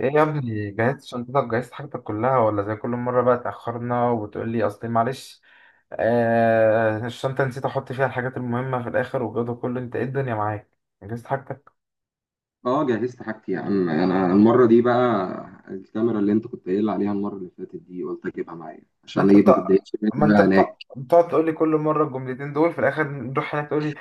ايه يا ابني جهزت شنطتك؟ جهزت حاجتك كلها ولا زي كل مرة بقى تأخرنا وتقول لي اصل معلش الشنطة نسيت احط فيها الحاجات المهمة في الاخر، والجو ده كله انت ايه الدنيا معاك؟ جهزت حاجتك؟ اه، جهزت حاجتي يا عم. انا المره دي بقى الكاميرا اللي انت كنت قايل عليها المره اللي فاتت دي قلت اجيبها معايا ما عشان انت ايه؟ ما بتق... تتضايقش ما مني انت بقى هناك. بتق... بتقعد تقول لي كل مرة الجملتين دول في الاخر، نروح هناك تقول لي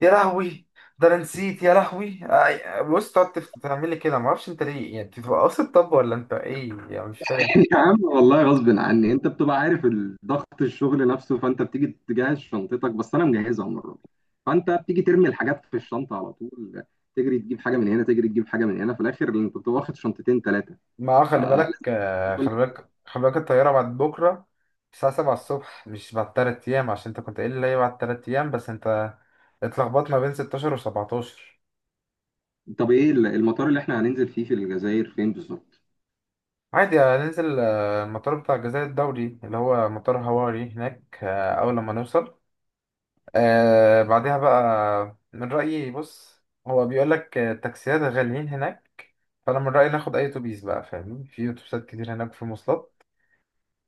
يا لهوي ده انا نسيت يا لهوي آه، بص، تقعد تعمل لي كده، ما اعرفش انت ليه، يعني انت بتبقى قاصد طب ولا انت ايه؟ يعني مش فاهم. يا عم والله غصب عني، انت بتبقى عارف ضغط الشغل نفسه. فانت بتيجي تجهز شنطتك، بس انا مجهزها المره دي. فانت بتيجي ترمي الحاجات في الشنطه على طول، تجري تجيب حاجه من هنا، تجري تجيب حاجه من هنا، في الاخر انت بتبقى واخد شنطتين 3. ما هو خلي فلازم بالك آه، كل- خلي بالك خلي بالك الطيارة بعد بكرة الساعة سبعة الصبح مش بعد تلات أيام، عشان أنت كنت قايل لي هي بعد تلات أيام، بس أنت اتلخبطت ما بين ستاشر وسبعتاشر. طب ايه المطار اللي احنا هننزل فيه في الجزائر فين بالظبط؟ عادي هننزل، المطار بتاع الجزائر الدولي اللي هو مطار هواري هناك، أول لما نوصل بعدها بقى من رأيي، بص، هو بيقول لك التاكسيات غاليين هناك، فأنا من رأيي ناخد أي أتوبيس بقى، فاهمني؟ في أتوبيسات كتير هناك، في مواصلات،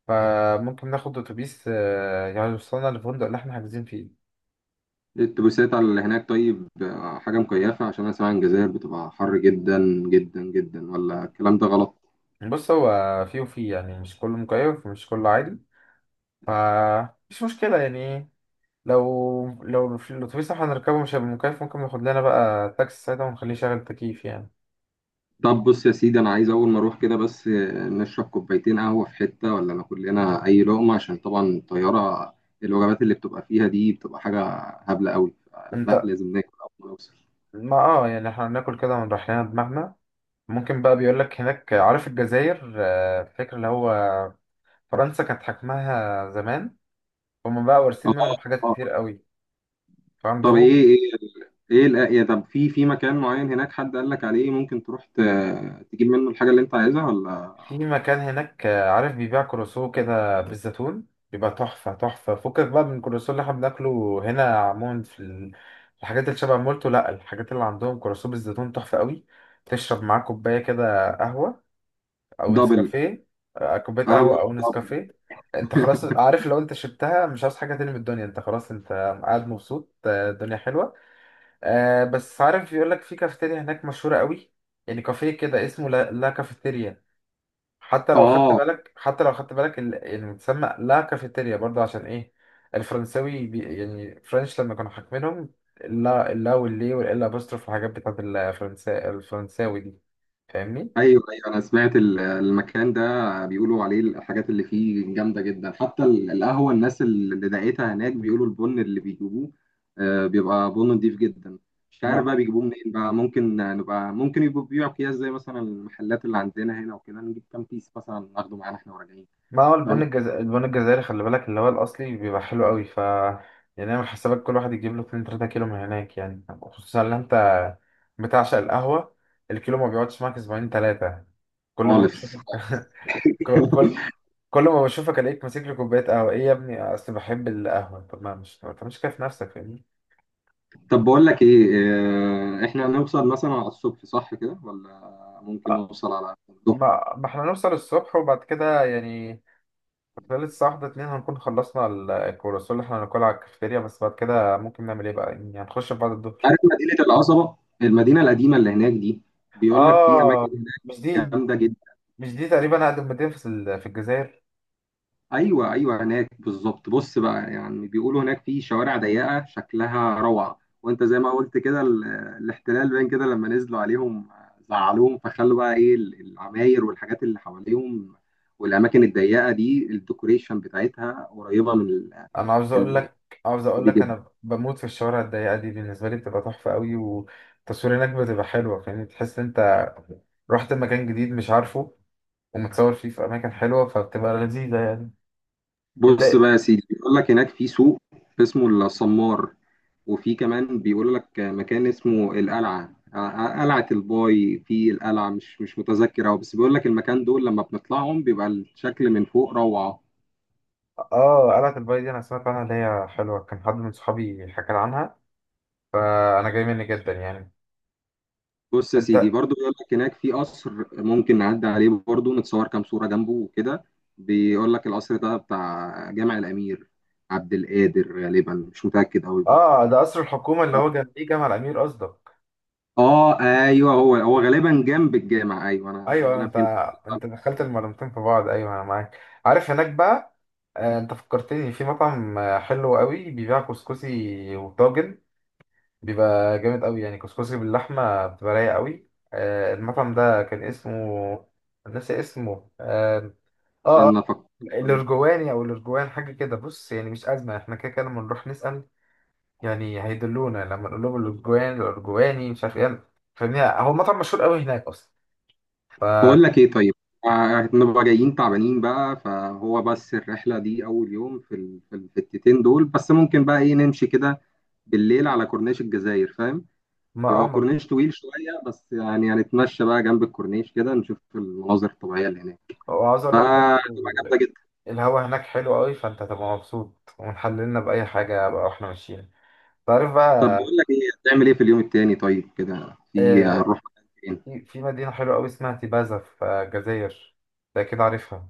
فممكن ناخد اتوبيس يعني يوصلنا للفندق اللي احنا حاجزين فيه. الاتوبيسات على اللي هناك طيب، حاجة مكيفة عشان أنا سامع إن الجزائر بتبقى حر جدا جدا جدا، ولا الكلام ده غلط؟ بص، هو فيه وفيه، يعني مش كله مكيف ومش كله عادي، فمش مشكلة يعني لو في الاتوبيس اللي احنا هنركبه مش هيبقى مكيف، ممكن ناخد لنا بقى تاكسي ساعتها ونخليه شغل تكييف يعني. طب بص يا سيدي، أنا عايز أول ما أروح كده بس نشرب كوبايتين قهوة في حتة، ولا ناكل لنا أي لقمة؟ عشان طبعا الطيارة، الوجبات اللي بتبقى فيها دي بتبقى حاجة هبلة قوي. انت، لا، لازم ناكل أول ما نوصل. ما اه يعني احنا هناكل كده ونريح لنا دماغنا. ممكن بقى، بيقولك هناك، عارف الجزائر فاكر اللي هو فرنسا كانت حكمها زمان، هما بقى وارثين آه. منهم حاجات آه. كتير قوي، طب فعندهم إيه. يا طب، في مكان معين هناك حد قال لك عليه ممكن تروح تجيب منه الحاجة اللي أنت عايزها ولا؟ في مكان هناك، عارف، بيبيع كروسو كده بالزيتون بيبقى تحفة تحفة، فكك بقى من الكروسو اللي احنا بناكله هنا عموما في الحاجات اللي شبه مولتو، لأ، الحاجات اللي عندهم كروسو بالزيتون تحفة قوي، تشرب معاه كوباية كده قهوة أو دبل. نسكافيه. كوباية قهوة قهوة أو دبل. نسكافيه. انت خلاص، عارف، لو انت شربتها مش عاوز حاجة تاني من الدنيا، انت خلاص، انت قاعد مبسوط. الدنيا حلوة. بس عارف، بيقولك في كافيتيريا هناك مشهورة قوي، يعني كافيه كده، اسمه لا, لا كافيتيريا. حتى لو خدت آه. بالك، يعني بتسمى لا كافيتيريا برضه، عشان ايه؟ الفرنساوي بي يعني فرنش لما كانوا حاكمينهم، اللا اللا واللي والال ابوستروف والحاجات بتاعت الفرنسا الفرنساوي دي، فاهمني؟ ايوه، ايوه، انا سمعت المكان ده بيقولوا عليه الحاجات اللي فيه جامده جدا. حتى القهوه، الناس اللي دقيتها هناك بيقولوا البن اللي بيجيبوه بيبقى بن نضيف جدا. مش عارف ما بقى بيجيبوه منين بقى. ممكن يبقوا بيبيعوا اكياس زي مثلا المحلات اللي عندنا هنا وكده، نجيب كام كيس مثلا ناخده معانا احنا وراجعين. ما هو البن فاهم. الجزائري، البن الجزائري خلي بالك، اللي هو الاصلي، بيبقى حلو قوي، ف يعني اعمل حسابك كل واحد يجيب له 2 3 كيلو من هناك، يعني خصوصا ان انت بتعشق القهوة، الكيلو ما بيقعدش معاك اسبوعين ثلاثة، كل ما خالص، بشوفك. خالص. كل كل ما بشوفك الاقيك ماسك لي كوبايه قهوه، ايه يا ابني؟ اصل بحب القهوه. طب ما مش ما تعملش كده في نفسك، فاهمني؟ طب بقول لك ايه. احنا هنوصل مثلا على الصبح صح كده، ولا ممكن آه، نوصل على الظهر؟ ما احنا نوصل الصبح، وبعد كده يعني خلال الساعه واحدة اتنين هنكون خلصنا الكرواسون اللي احنا هناكلها على الكافيتيريا، بس بعد كده ممكن نعمل ايه بقى؟ يعني هنخش في بعد عارف الظهر. مدينة القصبة، المدينة القديمة اللي هناك دي؟ بيقول لك في أماكن اه، هناك مش دي جامدة جدا. مش دي تقريبا اقدم مدينه في في الجزائر؟ أيوه، أيوه، هناك بالظبط. بص بقى، يعني بيقولوا هناك في شوارع ضيقة شكلها روعة، وأنت زي ما قلت كده الاحتلال باين كده، لما نزلوا عليهم زعلوهم فخلوا بقى العماير والحاجات اللي حواليهم، والأماكن الضيقة دي الديكوريشن بتاعتها قريبة من انا عاوز اقول ال- لك عاوز اقول دي لك، انا جدا. بموت في الشوارع الضيقه دي، بالنسبه لي بتبقى تحفه قوي، والتصوير هناك بتبقى حلوه، فاهمني؟ تحس إن انت رحت مكان جديد مش عارفه، ومتصور فيه في أماكن حلوة، فبتبقى لذيذة يعني. أنت، بص بقى يا سيدي، بيقول لك هناك في سوق اسمه الصمار، وفي كمان بيقول لك مكان اسمه القلعة. قلعة الباي، في القلعة مش متذكر أوي، بس بيقول لك المكان دول لما بنطلعهم بيبقى الشكل من فوق روعة. آه قلعة الباي دي أنا سمعت عنها، اللي هي حلوة، كان حد من صحابي حكى لي عنها، فأنا جاي مني جدا يعني. بص يا أنت، سيدي برضو، بيقول لك هناك في قصر ممكن نعدي عليه برضو، نتصور كام صورة جنبه وكده. بيقول لك القصر ده بتاع جامع الأمير عبد القادر، غالبا مش متأكد أوي برضو. آه ده قصر الحكومة اللي هو جنبيه جامع الأمير قصدك؟ اه، ايوه، هو غالبا جنب الجامع. ايوه، أيوه انا أيوه، انا أنت، فهمت. أنت دخلت المعلومتين في بعض، أيوه أنا معاك. عارف هناك بقى، أنت فكرتني في مطعم حلو قوي، بيبيع كسكسي وطاجن، بيبقى جامد قوي يعني، كسكسي باللحمة بتبقى رايقة قوي. المطعم ده كان اسمه، ناسي اسمه، اه اه استنى افكر. الارجواني او الارجوان حاجه كده، بص يعني مش ازمه، احنا كده كده لما نروح نسال يعني هيدلونا لما نقول لهم الارجوان الارجواني مش عارف ايه، فاهمني؟ هو مطعم مشهور قوي هناك اصلا، فما بقول لك ايه طيب، نبقى جايين تعبانين بقى، فهو بس الرحله دي اول يوم في الحتتين دول بس، ممكن بقى ايه نمشي كده بالليل على كورنيش الجزائر، فاهم. اه هو ما- كورنيش طويل شويه، بس يعني هنتمشى بقى جنب الكورنيش كده، نشوف المناظر الطبيعيه اللي هناك وعاوز اقول لك فتبقى برضه جامده جدا. الهوا هناك حلو قوي، فانت هتبقى مبسوط، ونحللنا باي حاجه بقى واحنا ماشيين، تعرف طب بقى. بقول لك ايه، هتعمل ايه في اليوم التاني طيب؟ كده في آه، هنروح مكان فين؟ في في مدينه حلوه قوي اسمها تيبازا في الجزائر، ده كده عارفها.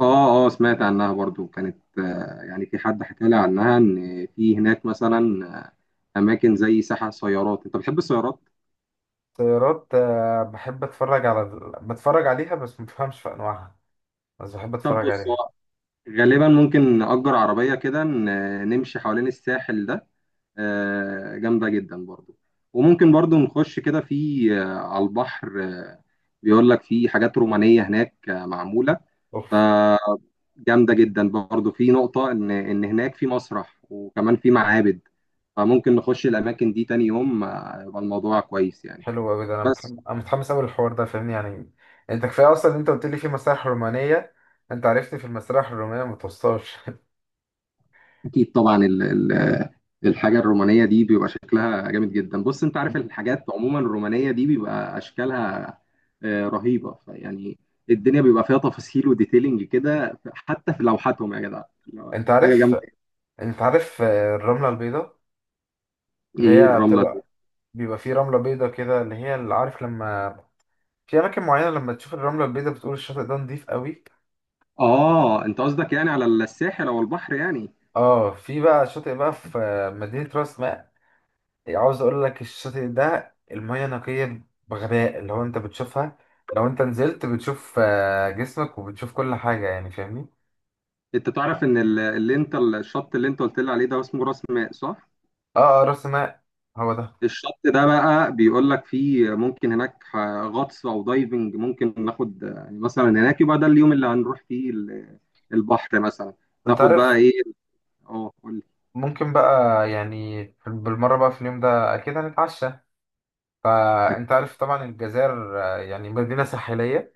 اه، اه، سمعت عنها برضو كانت، يعني في حد حكى لي عنها ان في هناك مثلا اماكن زي ساحة سيارات، انت بتحب السيارات. طيارات، بحب اتفرج على، بتفرج عليها بس ما بفهمش في انواعها، بس بحب طب اتفرج بص، عليها. هو غالبا ممكن نأجر عربية كده نمشي حوالين الساحل ده، جامدة جدا برضو. وممكن برضو نخش كده في آه، على البحر. بيقول لك في حاجات رومانية هناك معمولة، اوف. فجامده جدا برضو. في نقطه ان هناك في مسرح وكمان في معابد، فممكن نخش الاماكن دي تاني يوم يبقى الموضوع كويس يعني. حلو قوي، ده انا بس متحمس، انا متحمس قوي للحوار ده، فاهمني يعني؟ انت كفايه اصلا ان انت قلت لي في مسارح رومانيه، انت عرفتني في المسارح الرومانيه ما توصلش. اكيد طبعا ال- الحاجه الرومانيه دي بيبقى شكلها جامد جدا. بص انت عارف الحاجات عموما الرومانيه دي بيبقى اشكالها رهيبه فيعني. الدنيا بيبقى فيها تفاصيل وديتيلنج كده حتى في لوحاتهم، يا جدع انت حاجه عارف، جامده. الرمله البيضاء اللي ايه هي الرمله دي؟ بتبقى، بيبقى في رمله بيضاء كده، اللي هي اللي عارف لما في اماكن معينه لما تشوف الرمله البيضاء بتقول الشاطئ ده نضيف قوي. اه، انت قصدك يعني على الساحل او البحر يعني. اه في بقى شاطئ بقى في مدينه راس ماء. عاوز اقول لك الشاطئ ده المية نقية بغباء، اللي هو انت بتشوفها، لو انت نزلت بتشوف جسمك، وبتشوف كل حاجة يعني فاهمني؟ انت تعرف ان ال- اللي انت الشط اللي انت قلت لي عليه ده اسمه راس ماء صح؟ اه اه راس ماء، هو ده. الشط ده بقى بيقول لك فيه ممكن هناك غطس او دايفنج، ممكن ناخد يعني مثلا هناك، يبقى ده اليوم اللي هنروح فيه البحر مثلا، انت ناخد بقى عارف، ايه. اه، قول لي. ممكن بقى يعني بالمرة بقى في اليوم ده اكيد هنتعشى، أكل. فانت عارف طبعا الجزائر يعني مدينة ساحلية،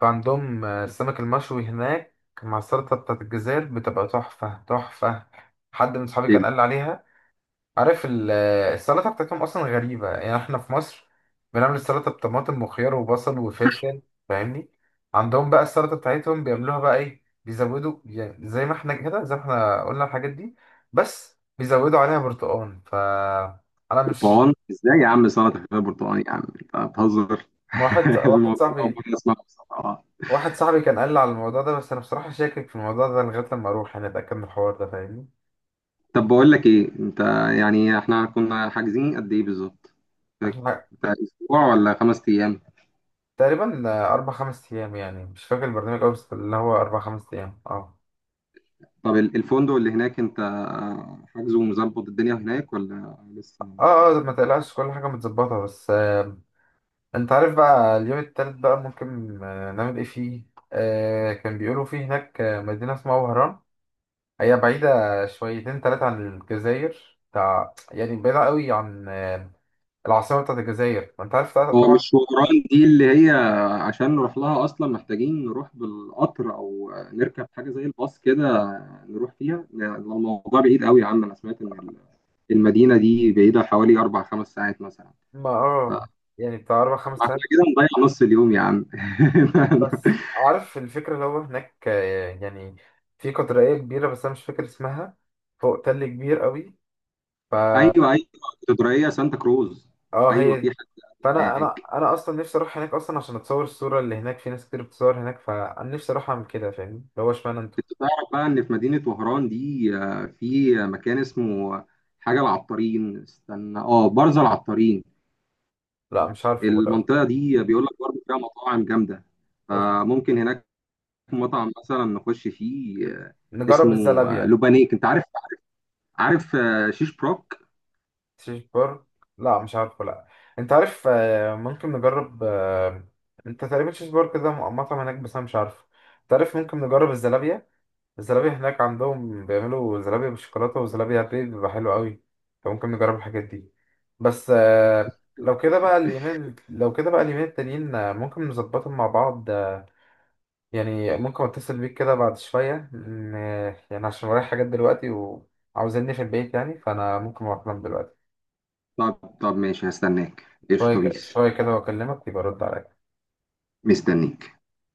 فعندهم السمك المشوي هناك، مع السلطة بتاعت الجزائر بتبقى تحفة تحفة. حد من صحابي كان قال لي عليها، عارف السلطة بتاعتهم أصلا غريبة، يعني إحنا في مصر بنعمل السلطة بطماطم وخيار وبصل وفلفل، فاهمني؟ عندهم بقى السلطة بتاعتهم بيعملوها بقى إيه؟ بيزودوا، يعني زي ما إحنا كده، زي ما إحنا قلنا الحاجات دي، بس بيزودوا عليها برتقال، ف أنا مش، البرتقال ازاي يا عم؟ سلطه فيها برتقال، يا عم انت بتهزر. واحد واحد الموضوع ده اول صاحبي مره اسمعه بصراحه، اه. واحد صاحبي كان قال لي على الموضوع ده، بس أنا بصراحة شاكك في الموضوع ده، لغاية لما أروح يعني أتأكد من الحوار ده، فاهمني؟ طب بقول لك ايه انت، يعني احنا كنا حاجزين قد ايه بالظبط؟ فاكر؟ إحنا بتاع اسبوع ولا 5 ايام؟ تقريبا أربع خمس أيام، يعني مش فاكر البرنامج أوي، بس اللي هو أربع خمس أيام أه. طب الفندق اللي هناك انت حاجزه ومظبط الدنيا هناك، ولا لسه مظبط اه اه، ما الدنيا؟ تقلقش، كل حاجة متظبطة. بس آه، انت عارف بقى، اليوم التالت بقى ممكن آه نعمل ايه فيه؟ آه كان بيقولوا فيه هناك مدينة اسمها وهران، هي بعيدة شويتين تلاتة عن الجزائر، بتاع يعني بعيدة قوي عن العاصمة بتاعت الجزائر، ما انت عارف هو مش طبعا. شوران دي اللي هي؟ عشان نروح لها اصلا محتاجين نروح بالقطر، او نركب حاجه زي الباص كده نروح فيها، يعني الموضوع بعيد قوي يا عم. انا سمعت ان المدينه دي بعيده حوالي 4 5 ساعات مثلا، ما اه يعني بتاع أربع خمس فاحنا ساعات. كده نضيع نص اليوم يا عم. بس عارف الفكرة، اللي هو هناك آه يعني في قطرية كبيرة بس أنا مش فاكر اسمها، فوق تل كبير قوي، فا ايوه، ايوه، اسكندريه سانتا كروز. اه ايوه هي في دي. حاجه فانا انا هناك. انا اصلا نفسي اروح هناك اصلا عشان اتصور الصوره اللي هناك، في ناس كتير بتصور هناك، فانا نفسي اروح اعمل كده، فاهم؟ اللي هو اشمعنى انتوا. انت تعرف بقى ان في مدينة وهران دي في مكان اسمه حاجة العطارين، استنى اه برزة العطارين. لا مش عارفه لا. المنطقة دي بيقول لك برضه فيها مطاعم جامدة، أوف. فممكن هناك مطعم مثلا نخش فيه، نجرب اسمه الزلابيا. لوبانيك، انت عارف. عارف شيش بروك. تشيش بار، لا مش عارفه لا. انت عارف ممكن نجرب انت تقريبا تشيش بار كده مطعم هناك، بس انا مش عارفه. انت عارف ممكن نجرب الزلابيا، الزلابية هناك عندهم بيعملوا زلابية بالشوكولاتة وزلابية بيض بيبقى حلو قوي، انت ممكن نجرب الحاجات دي. بس لو كده بقى اليومين، لو كده بقى اليومين التانيين ممكن نظبطهم مع بعض، يعني ممكن اتصل بيك كده بعد شوية يعني عشان ورايا حاجات دلوقتي وعاوزيني في البيت يعني، فأنا ممكن أروح أنام دلوقتي. طب طب ماشي، هستناك ايش طبيس. شوية كده وأكلمك، يبقى رد عليا. مستنيك.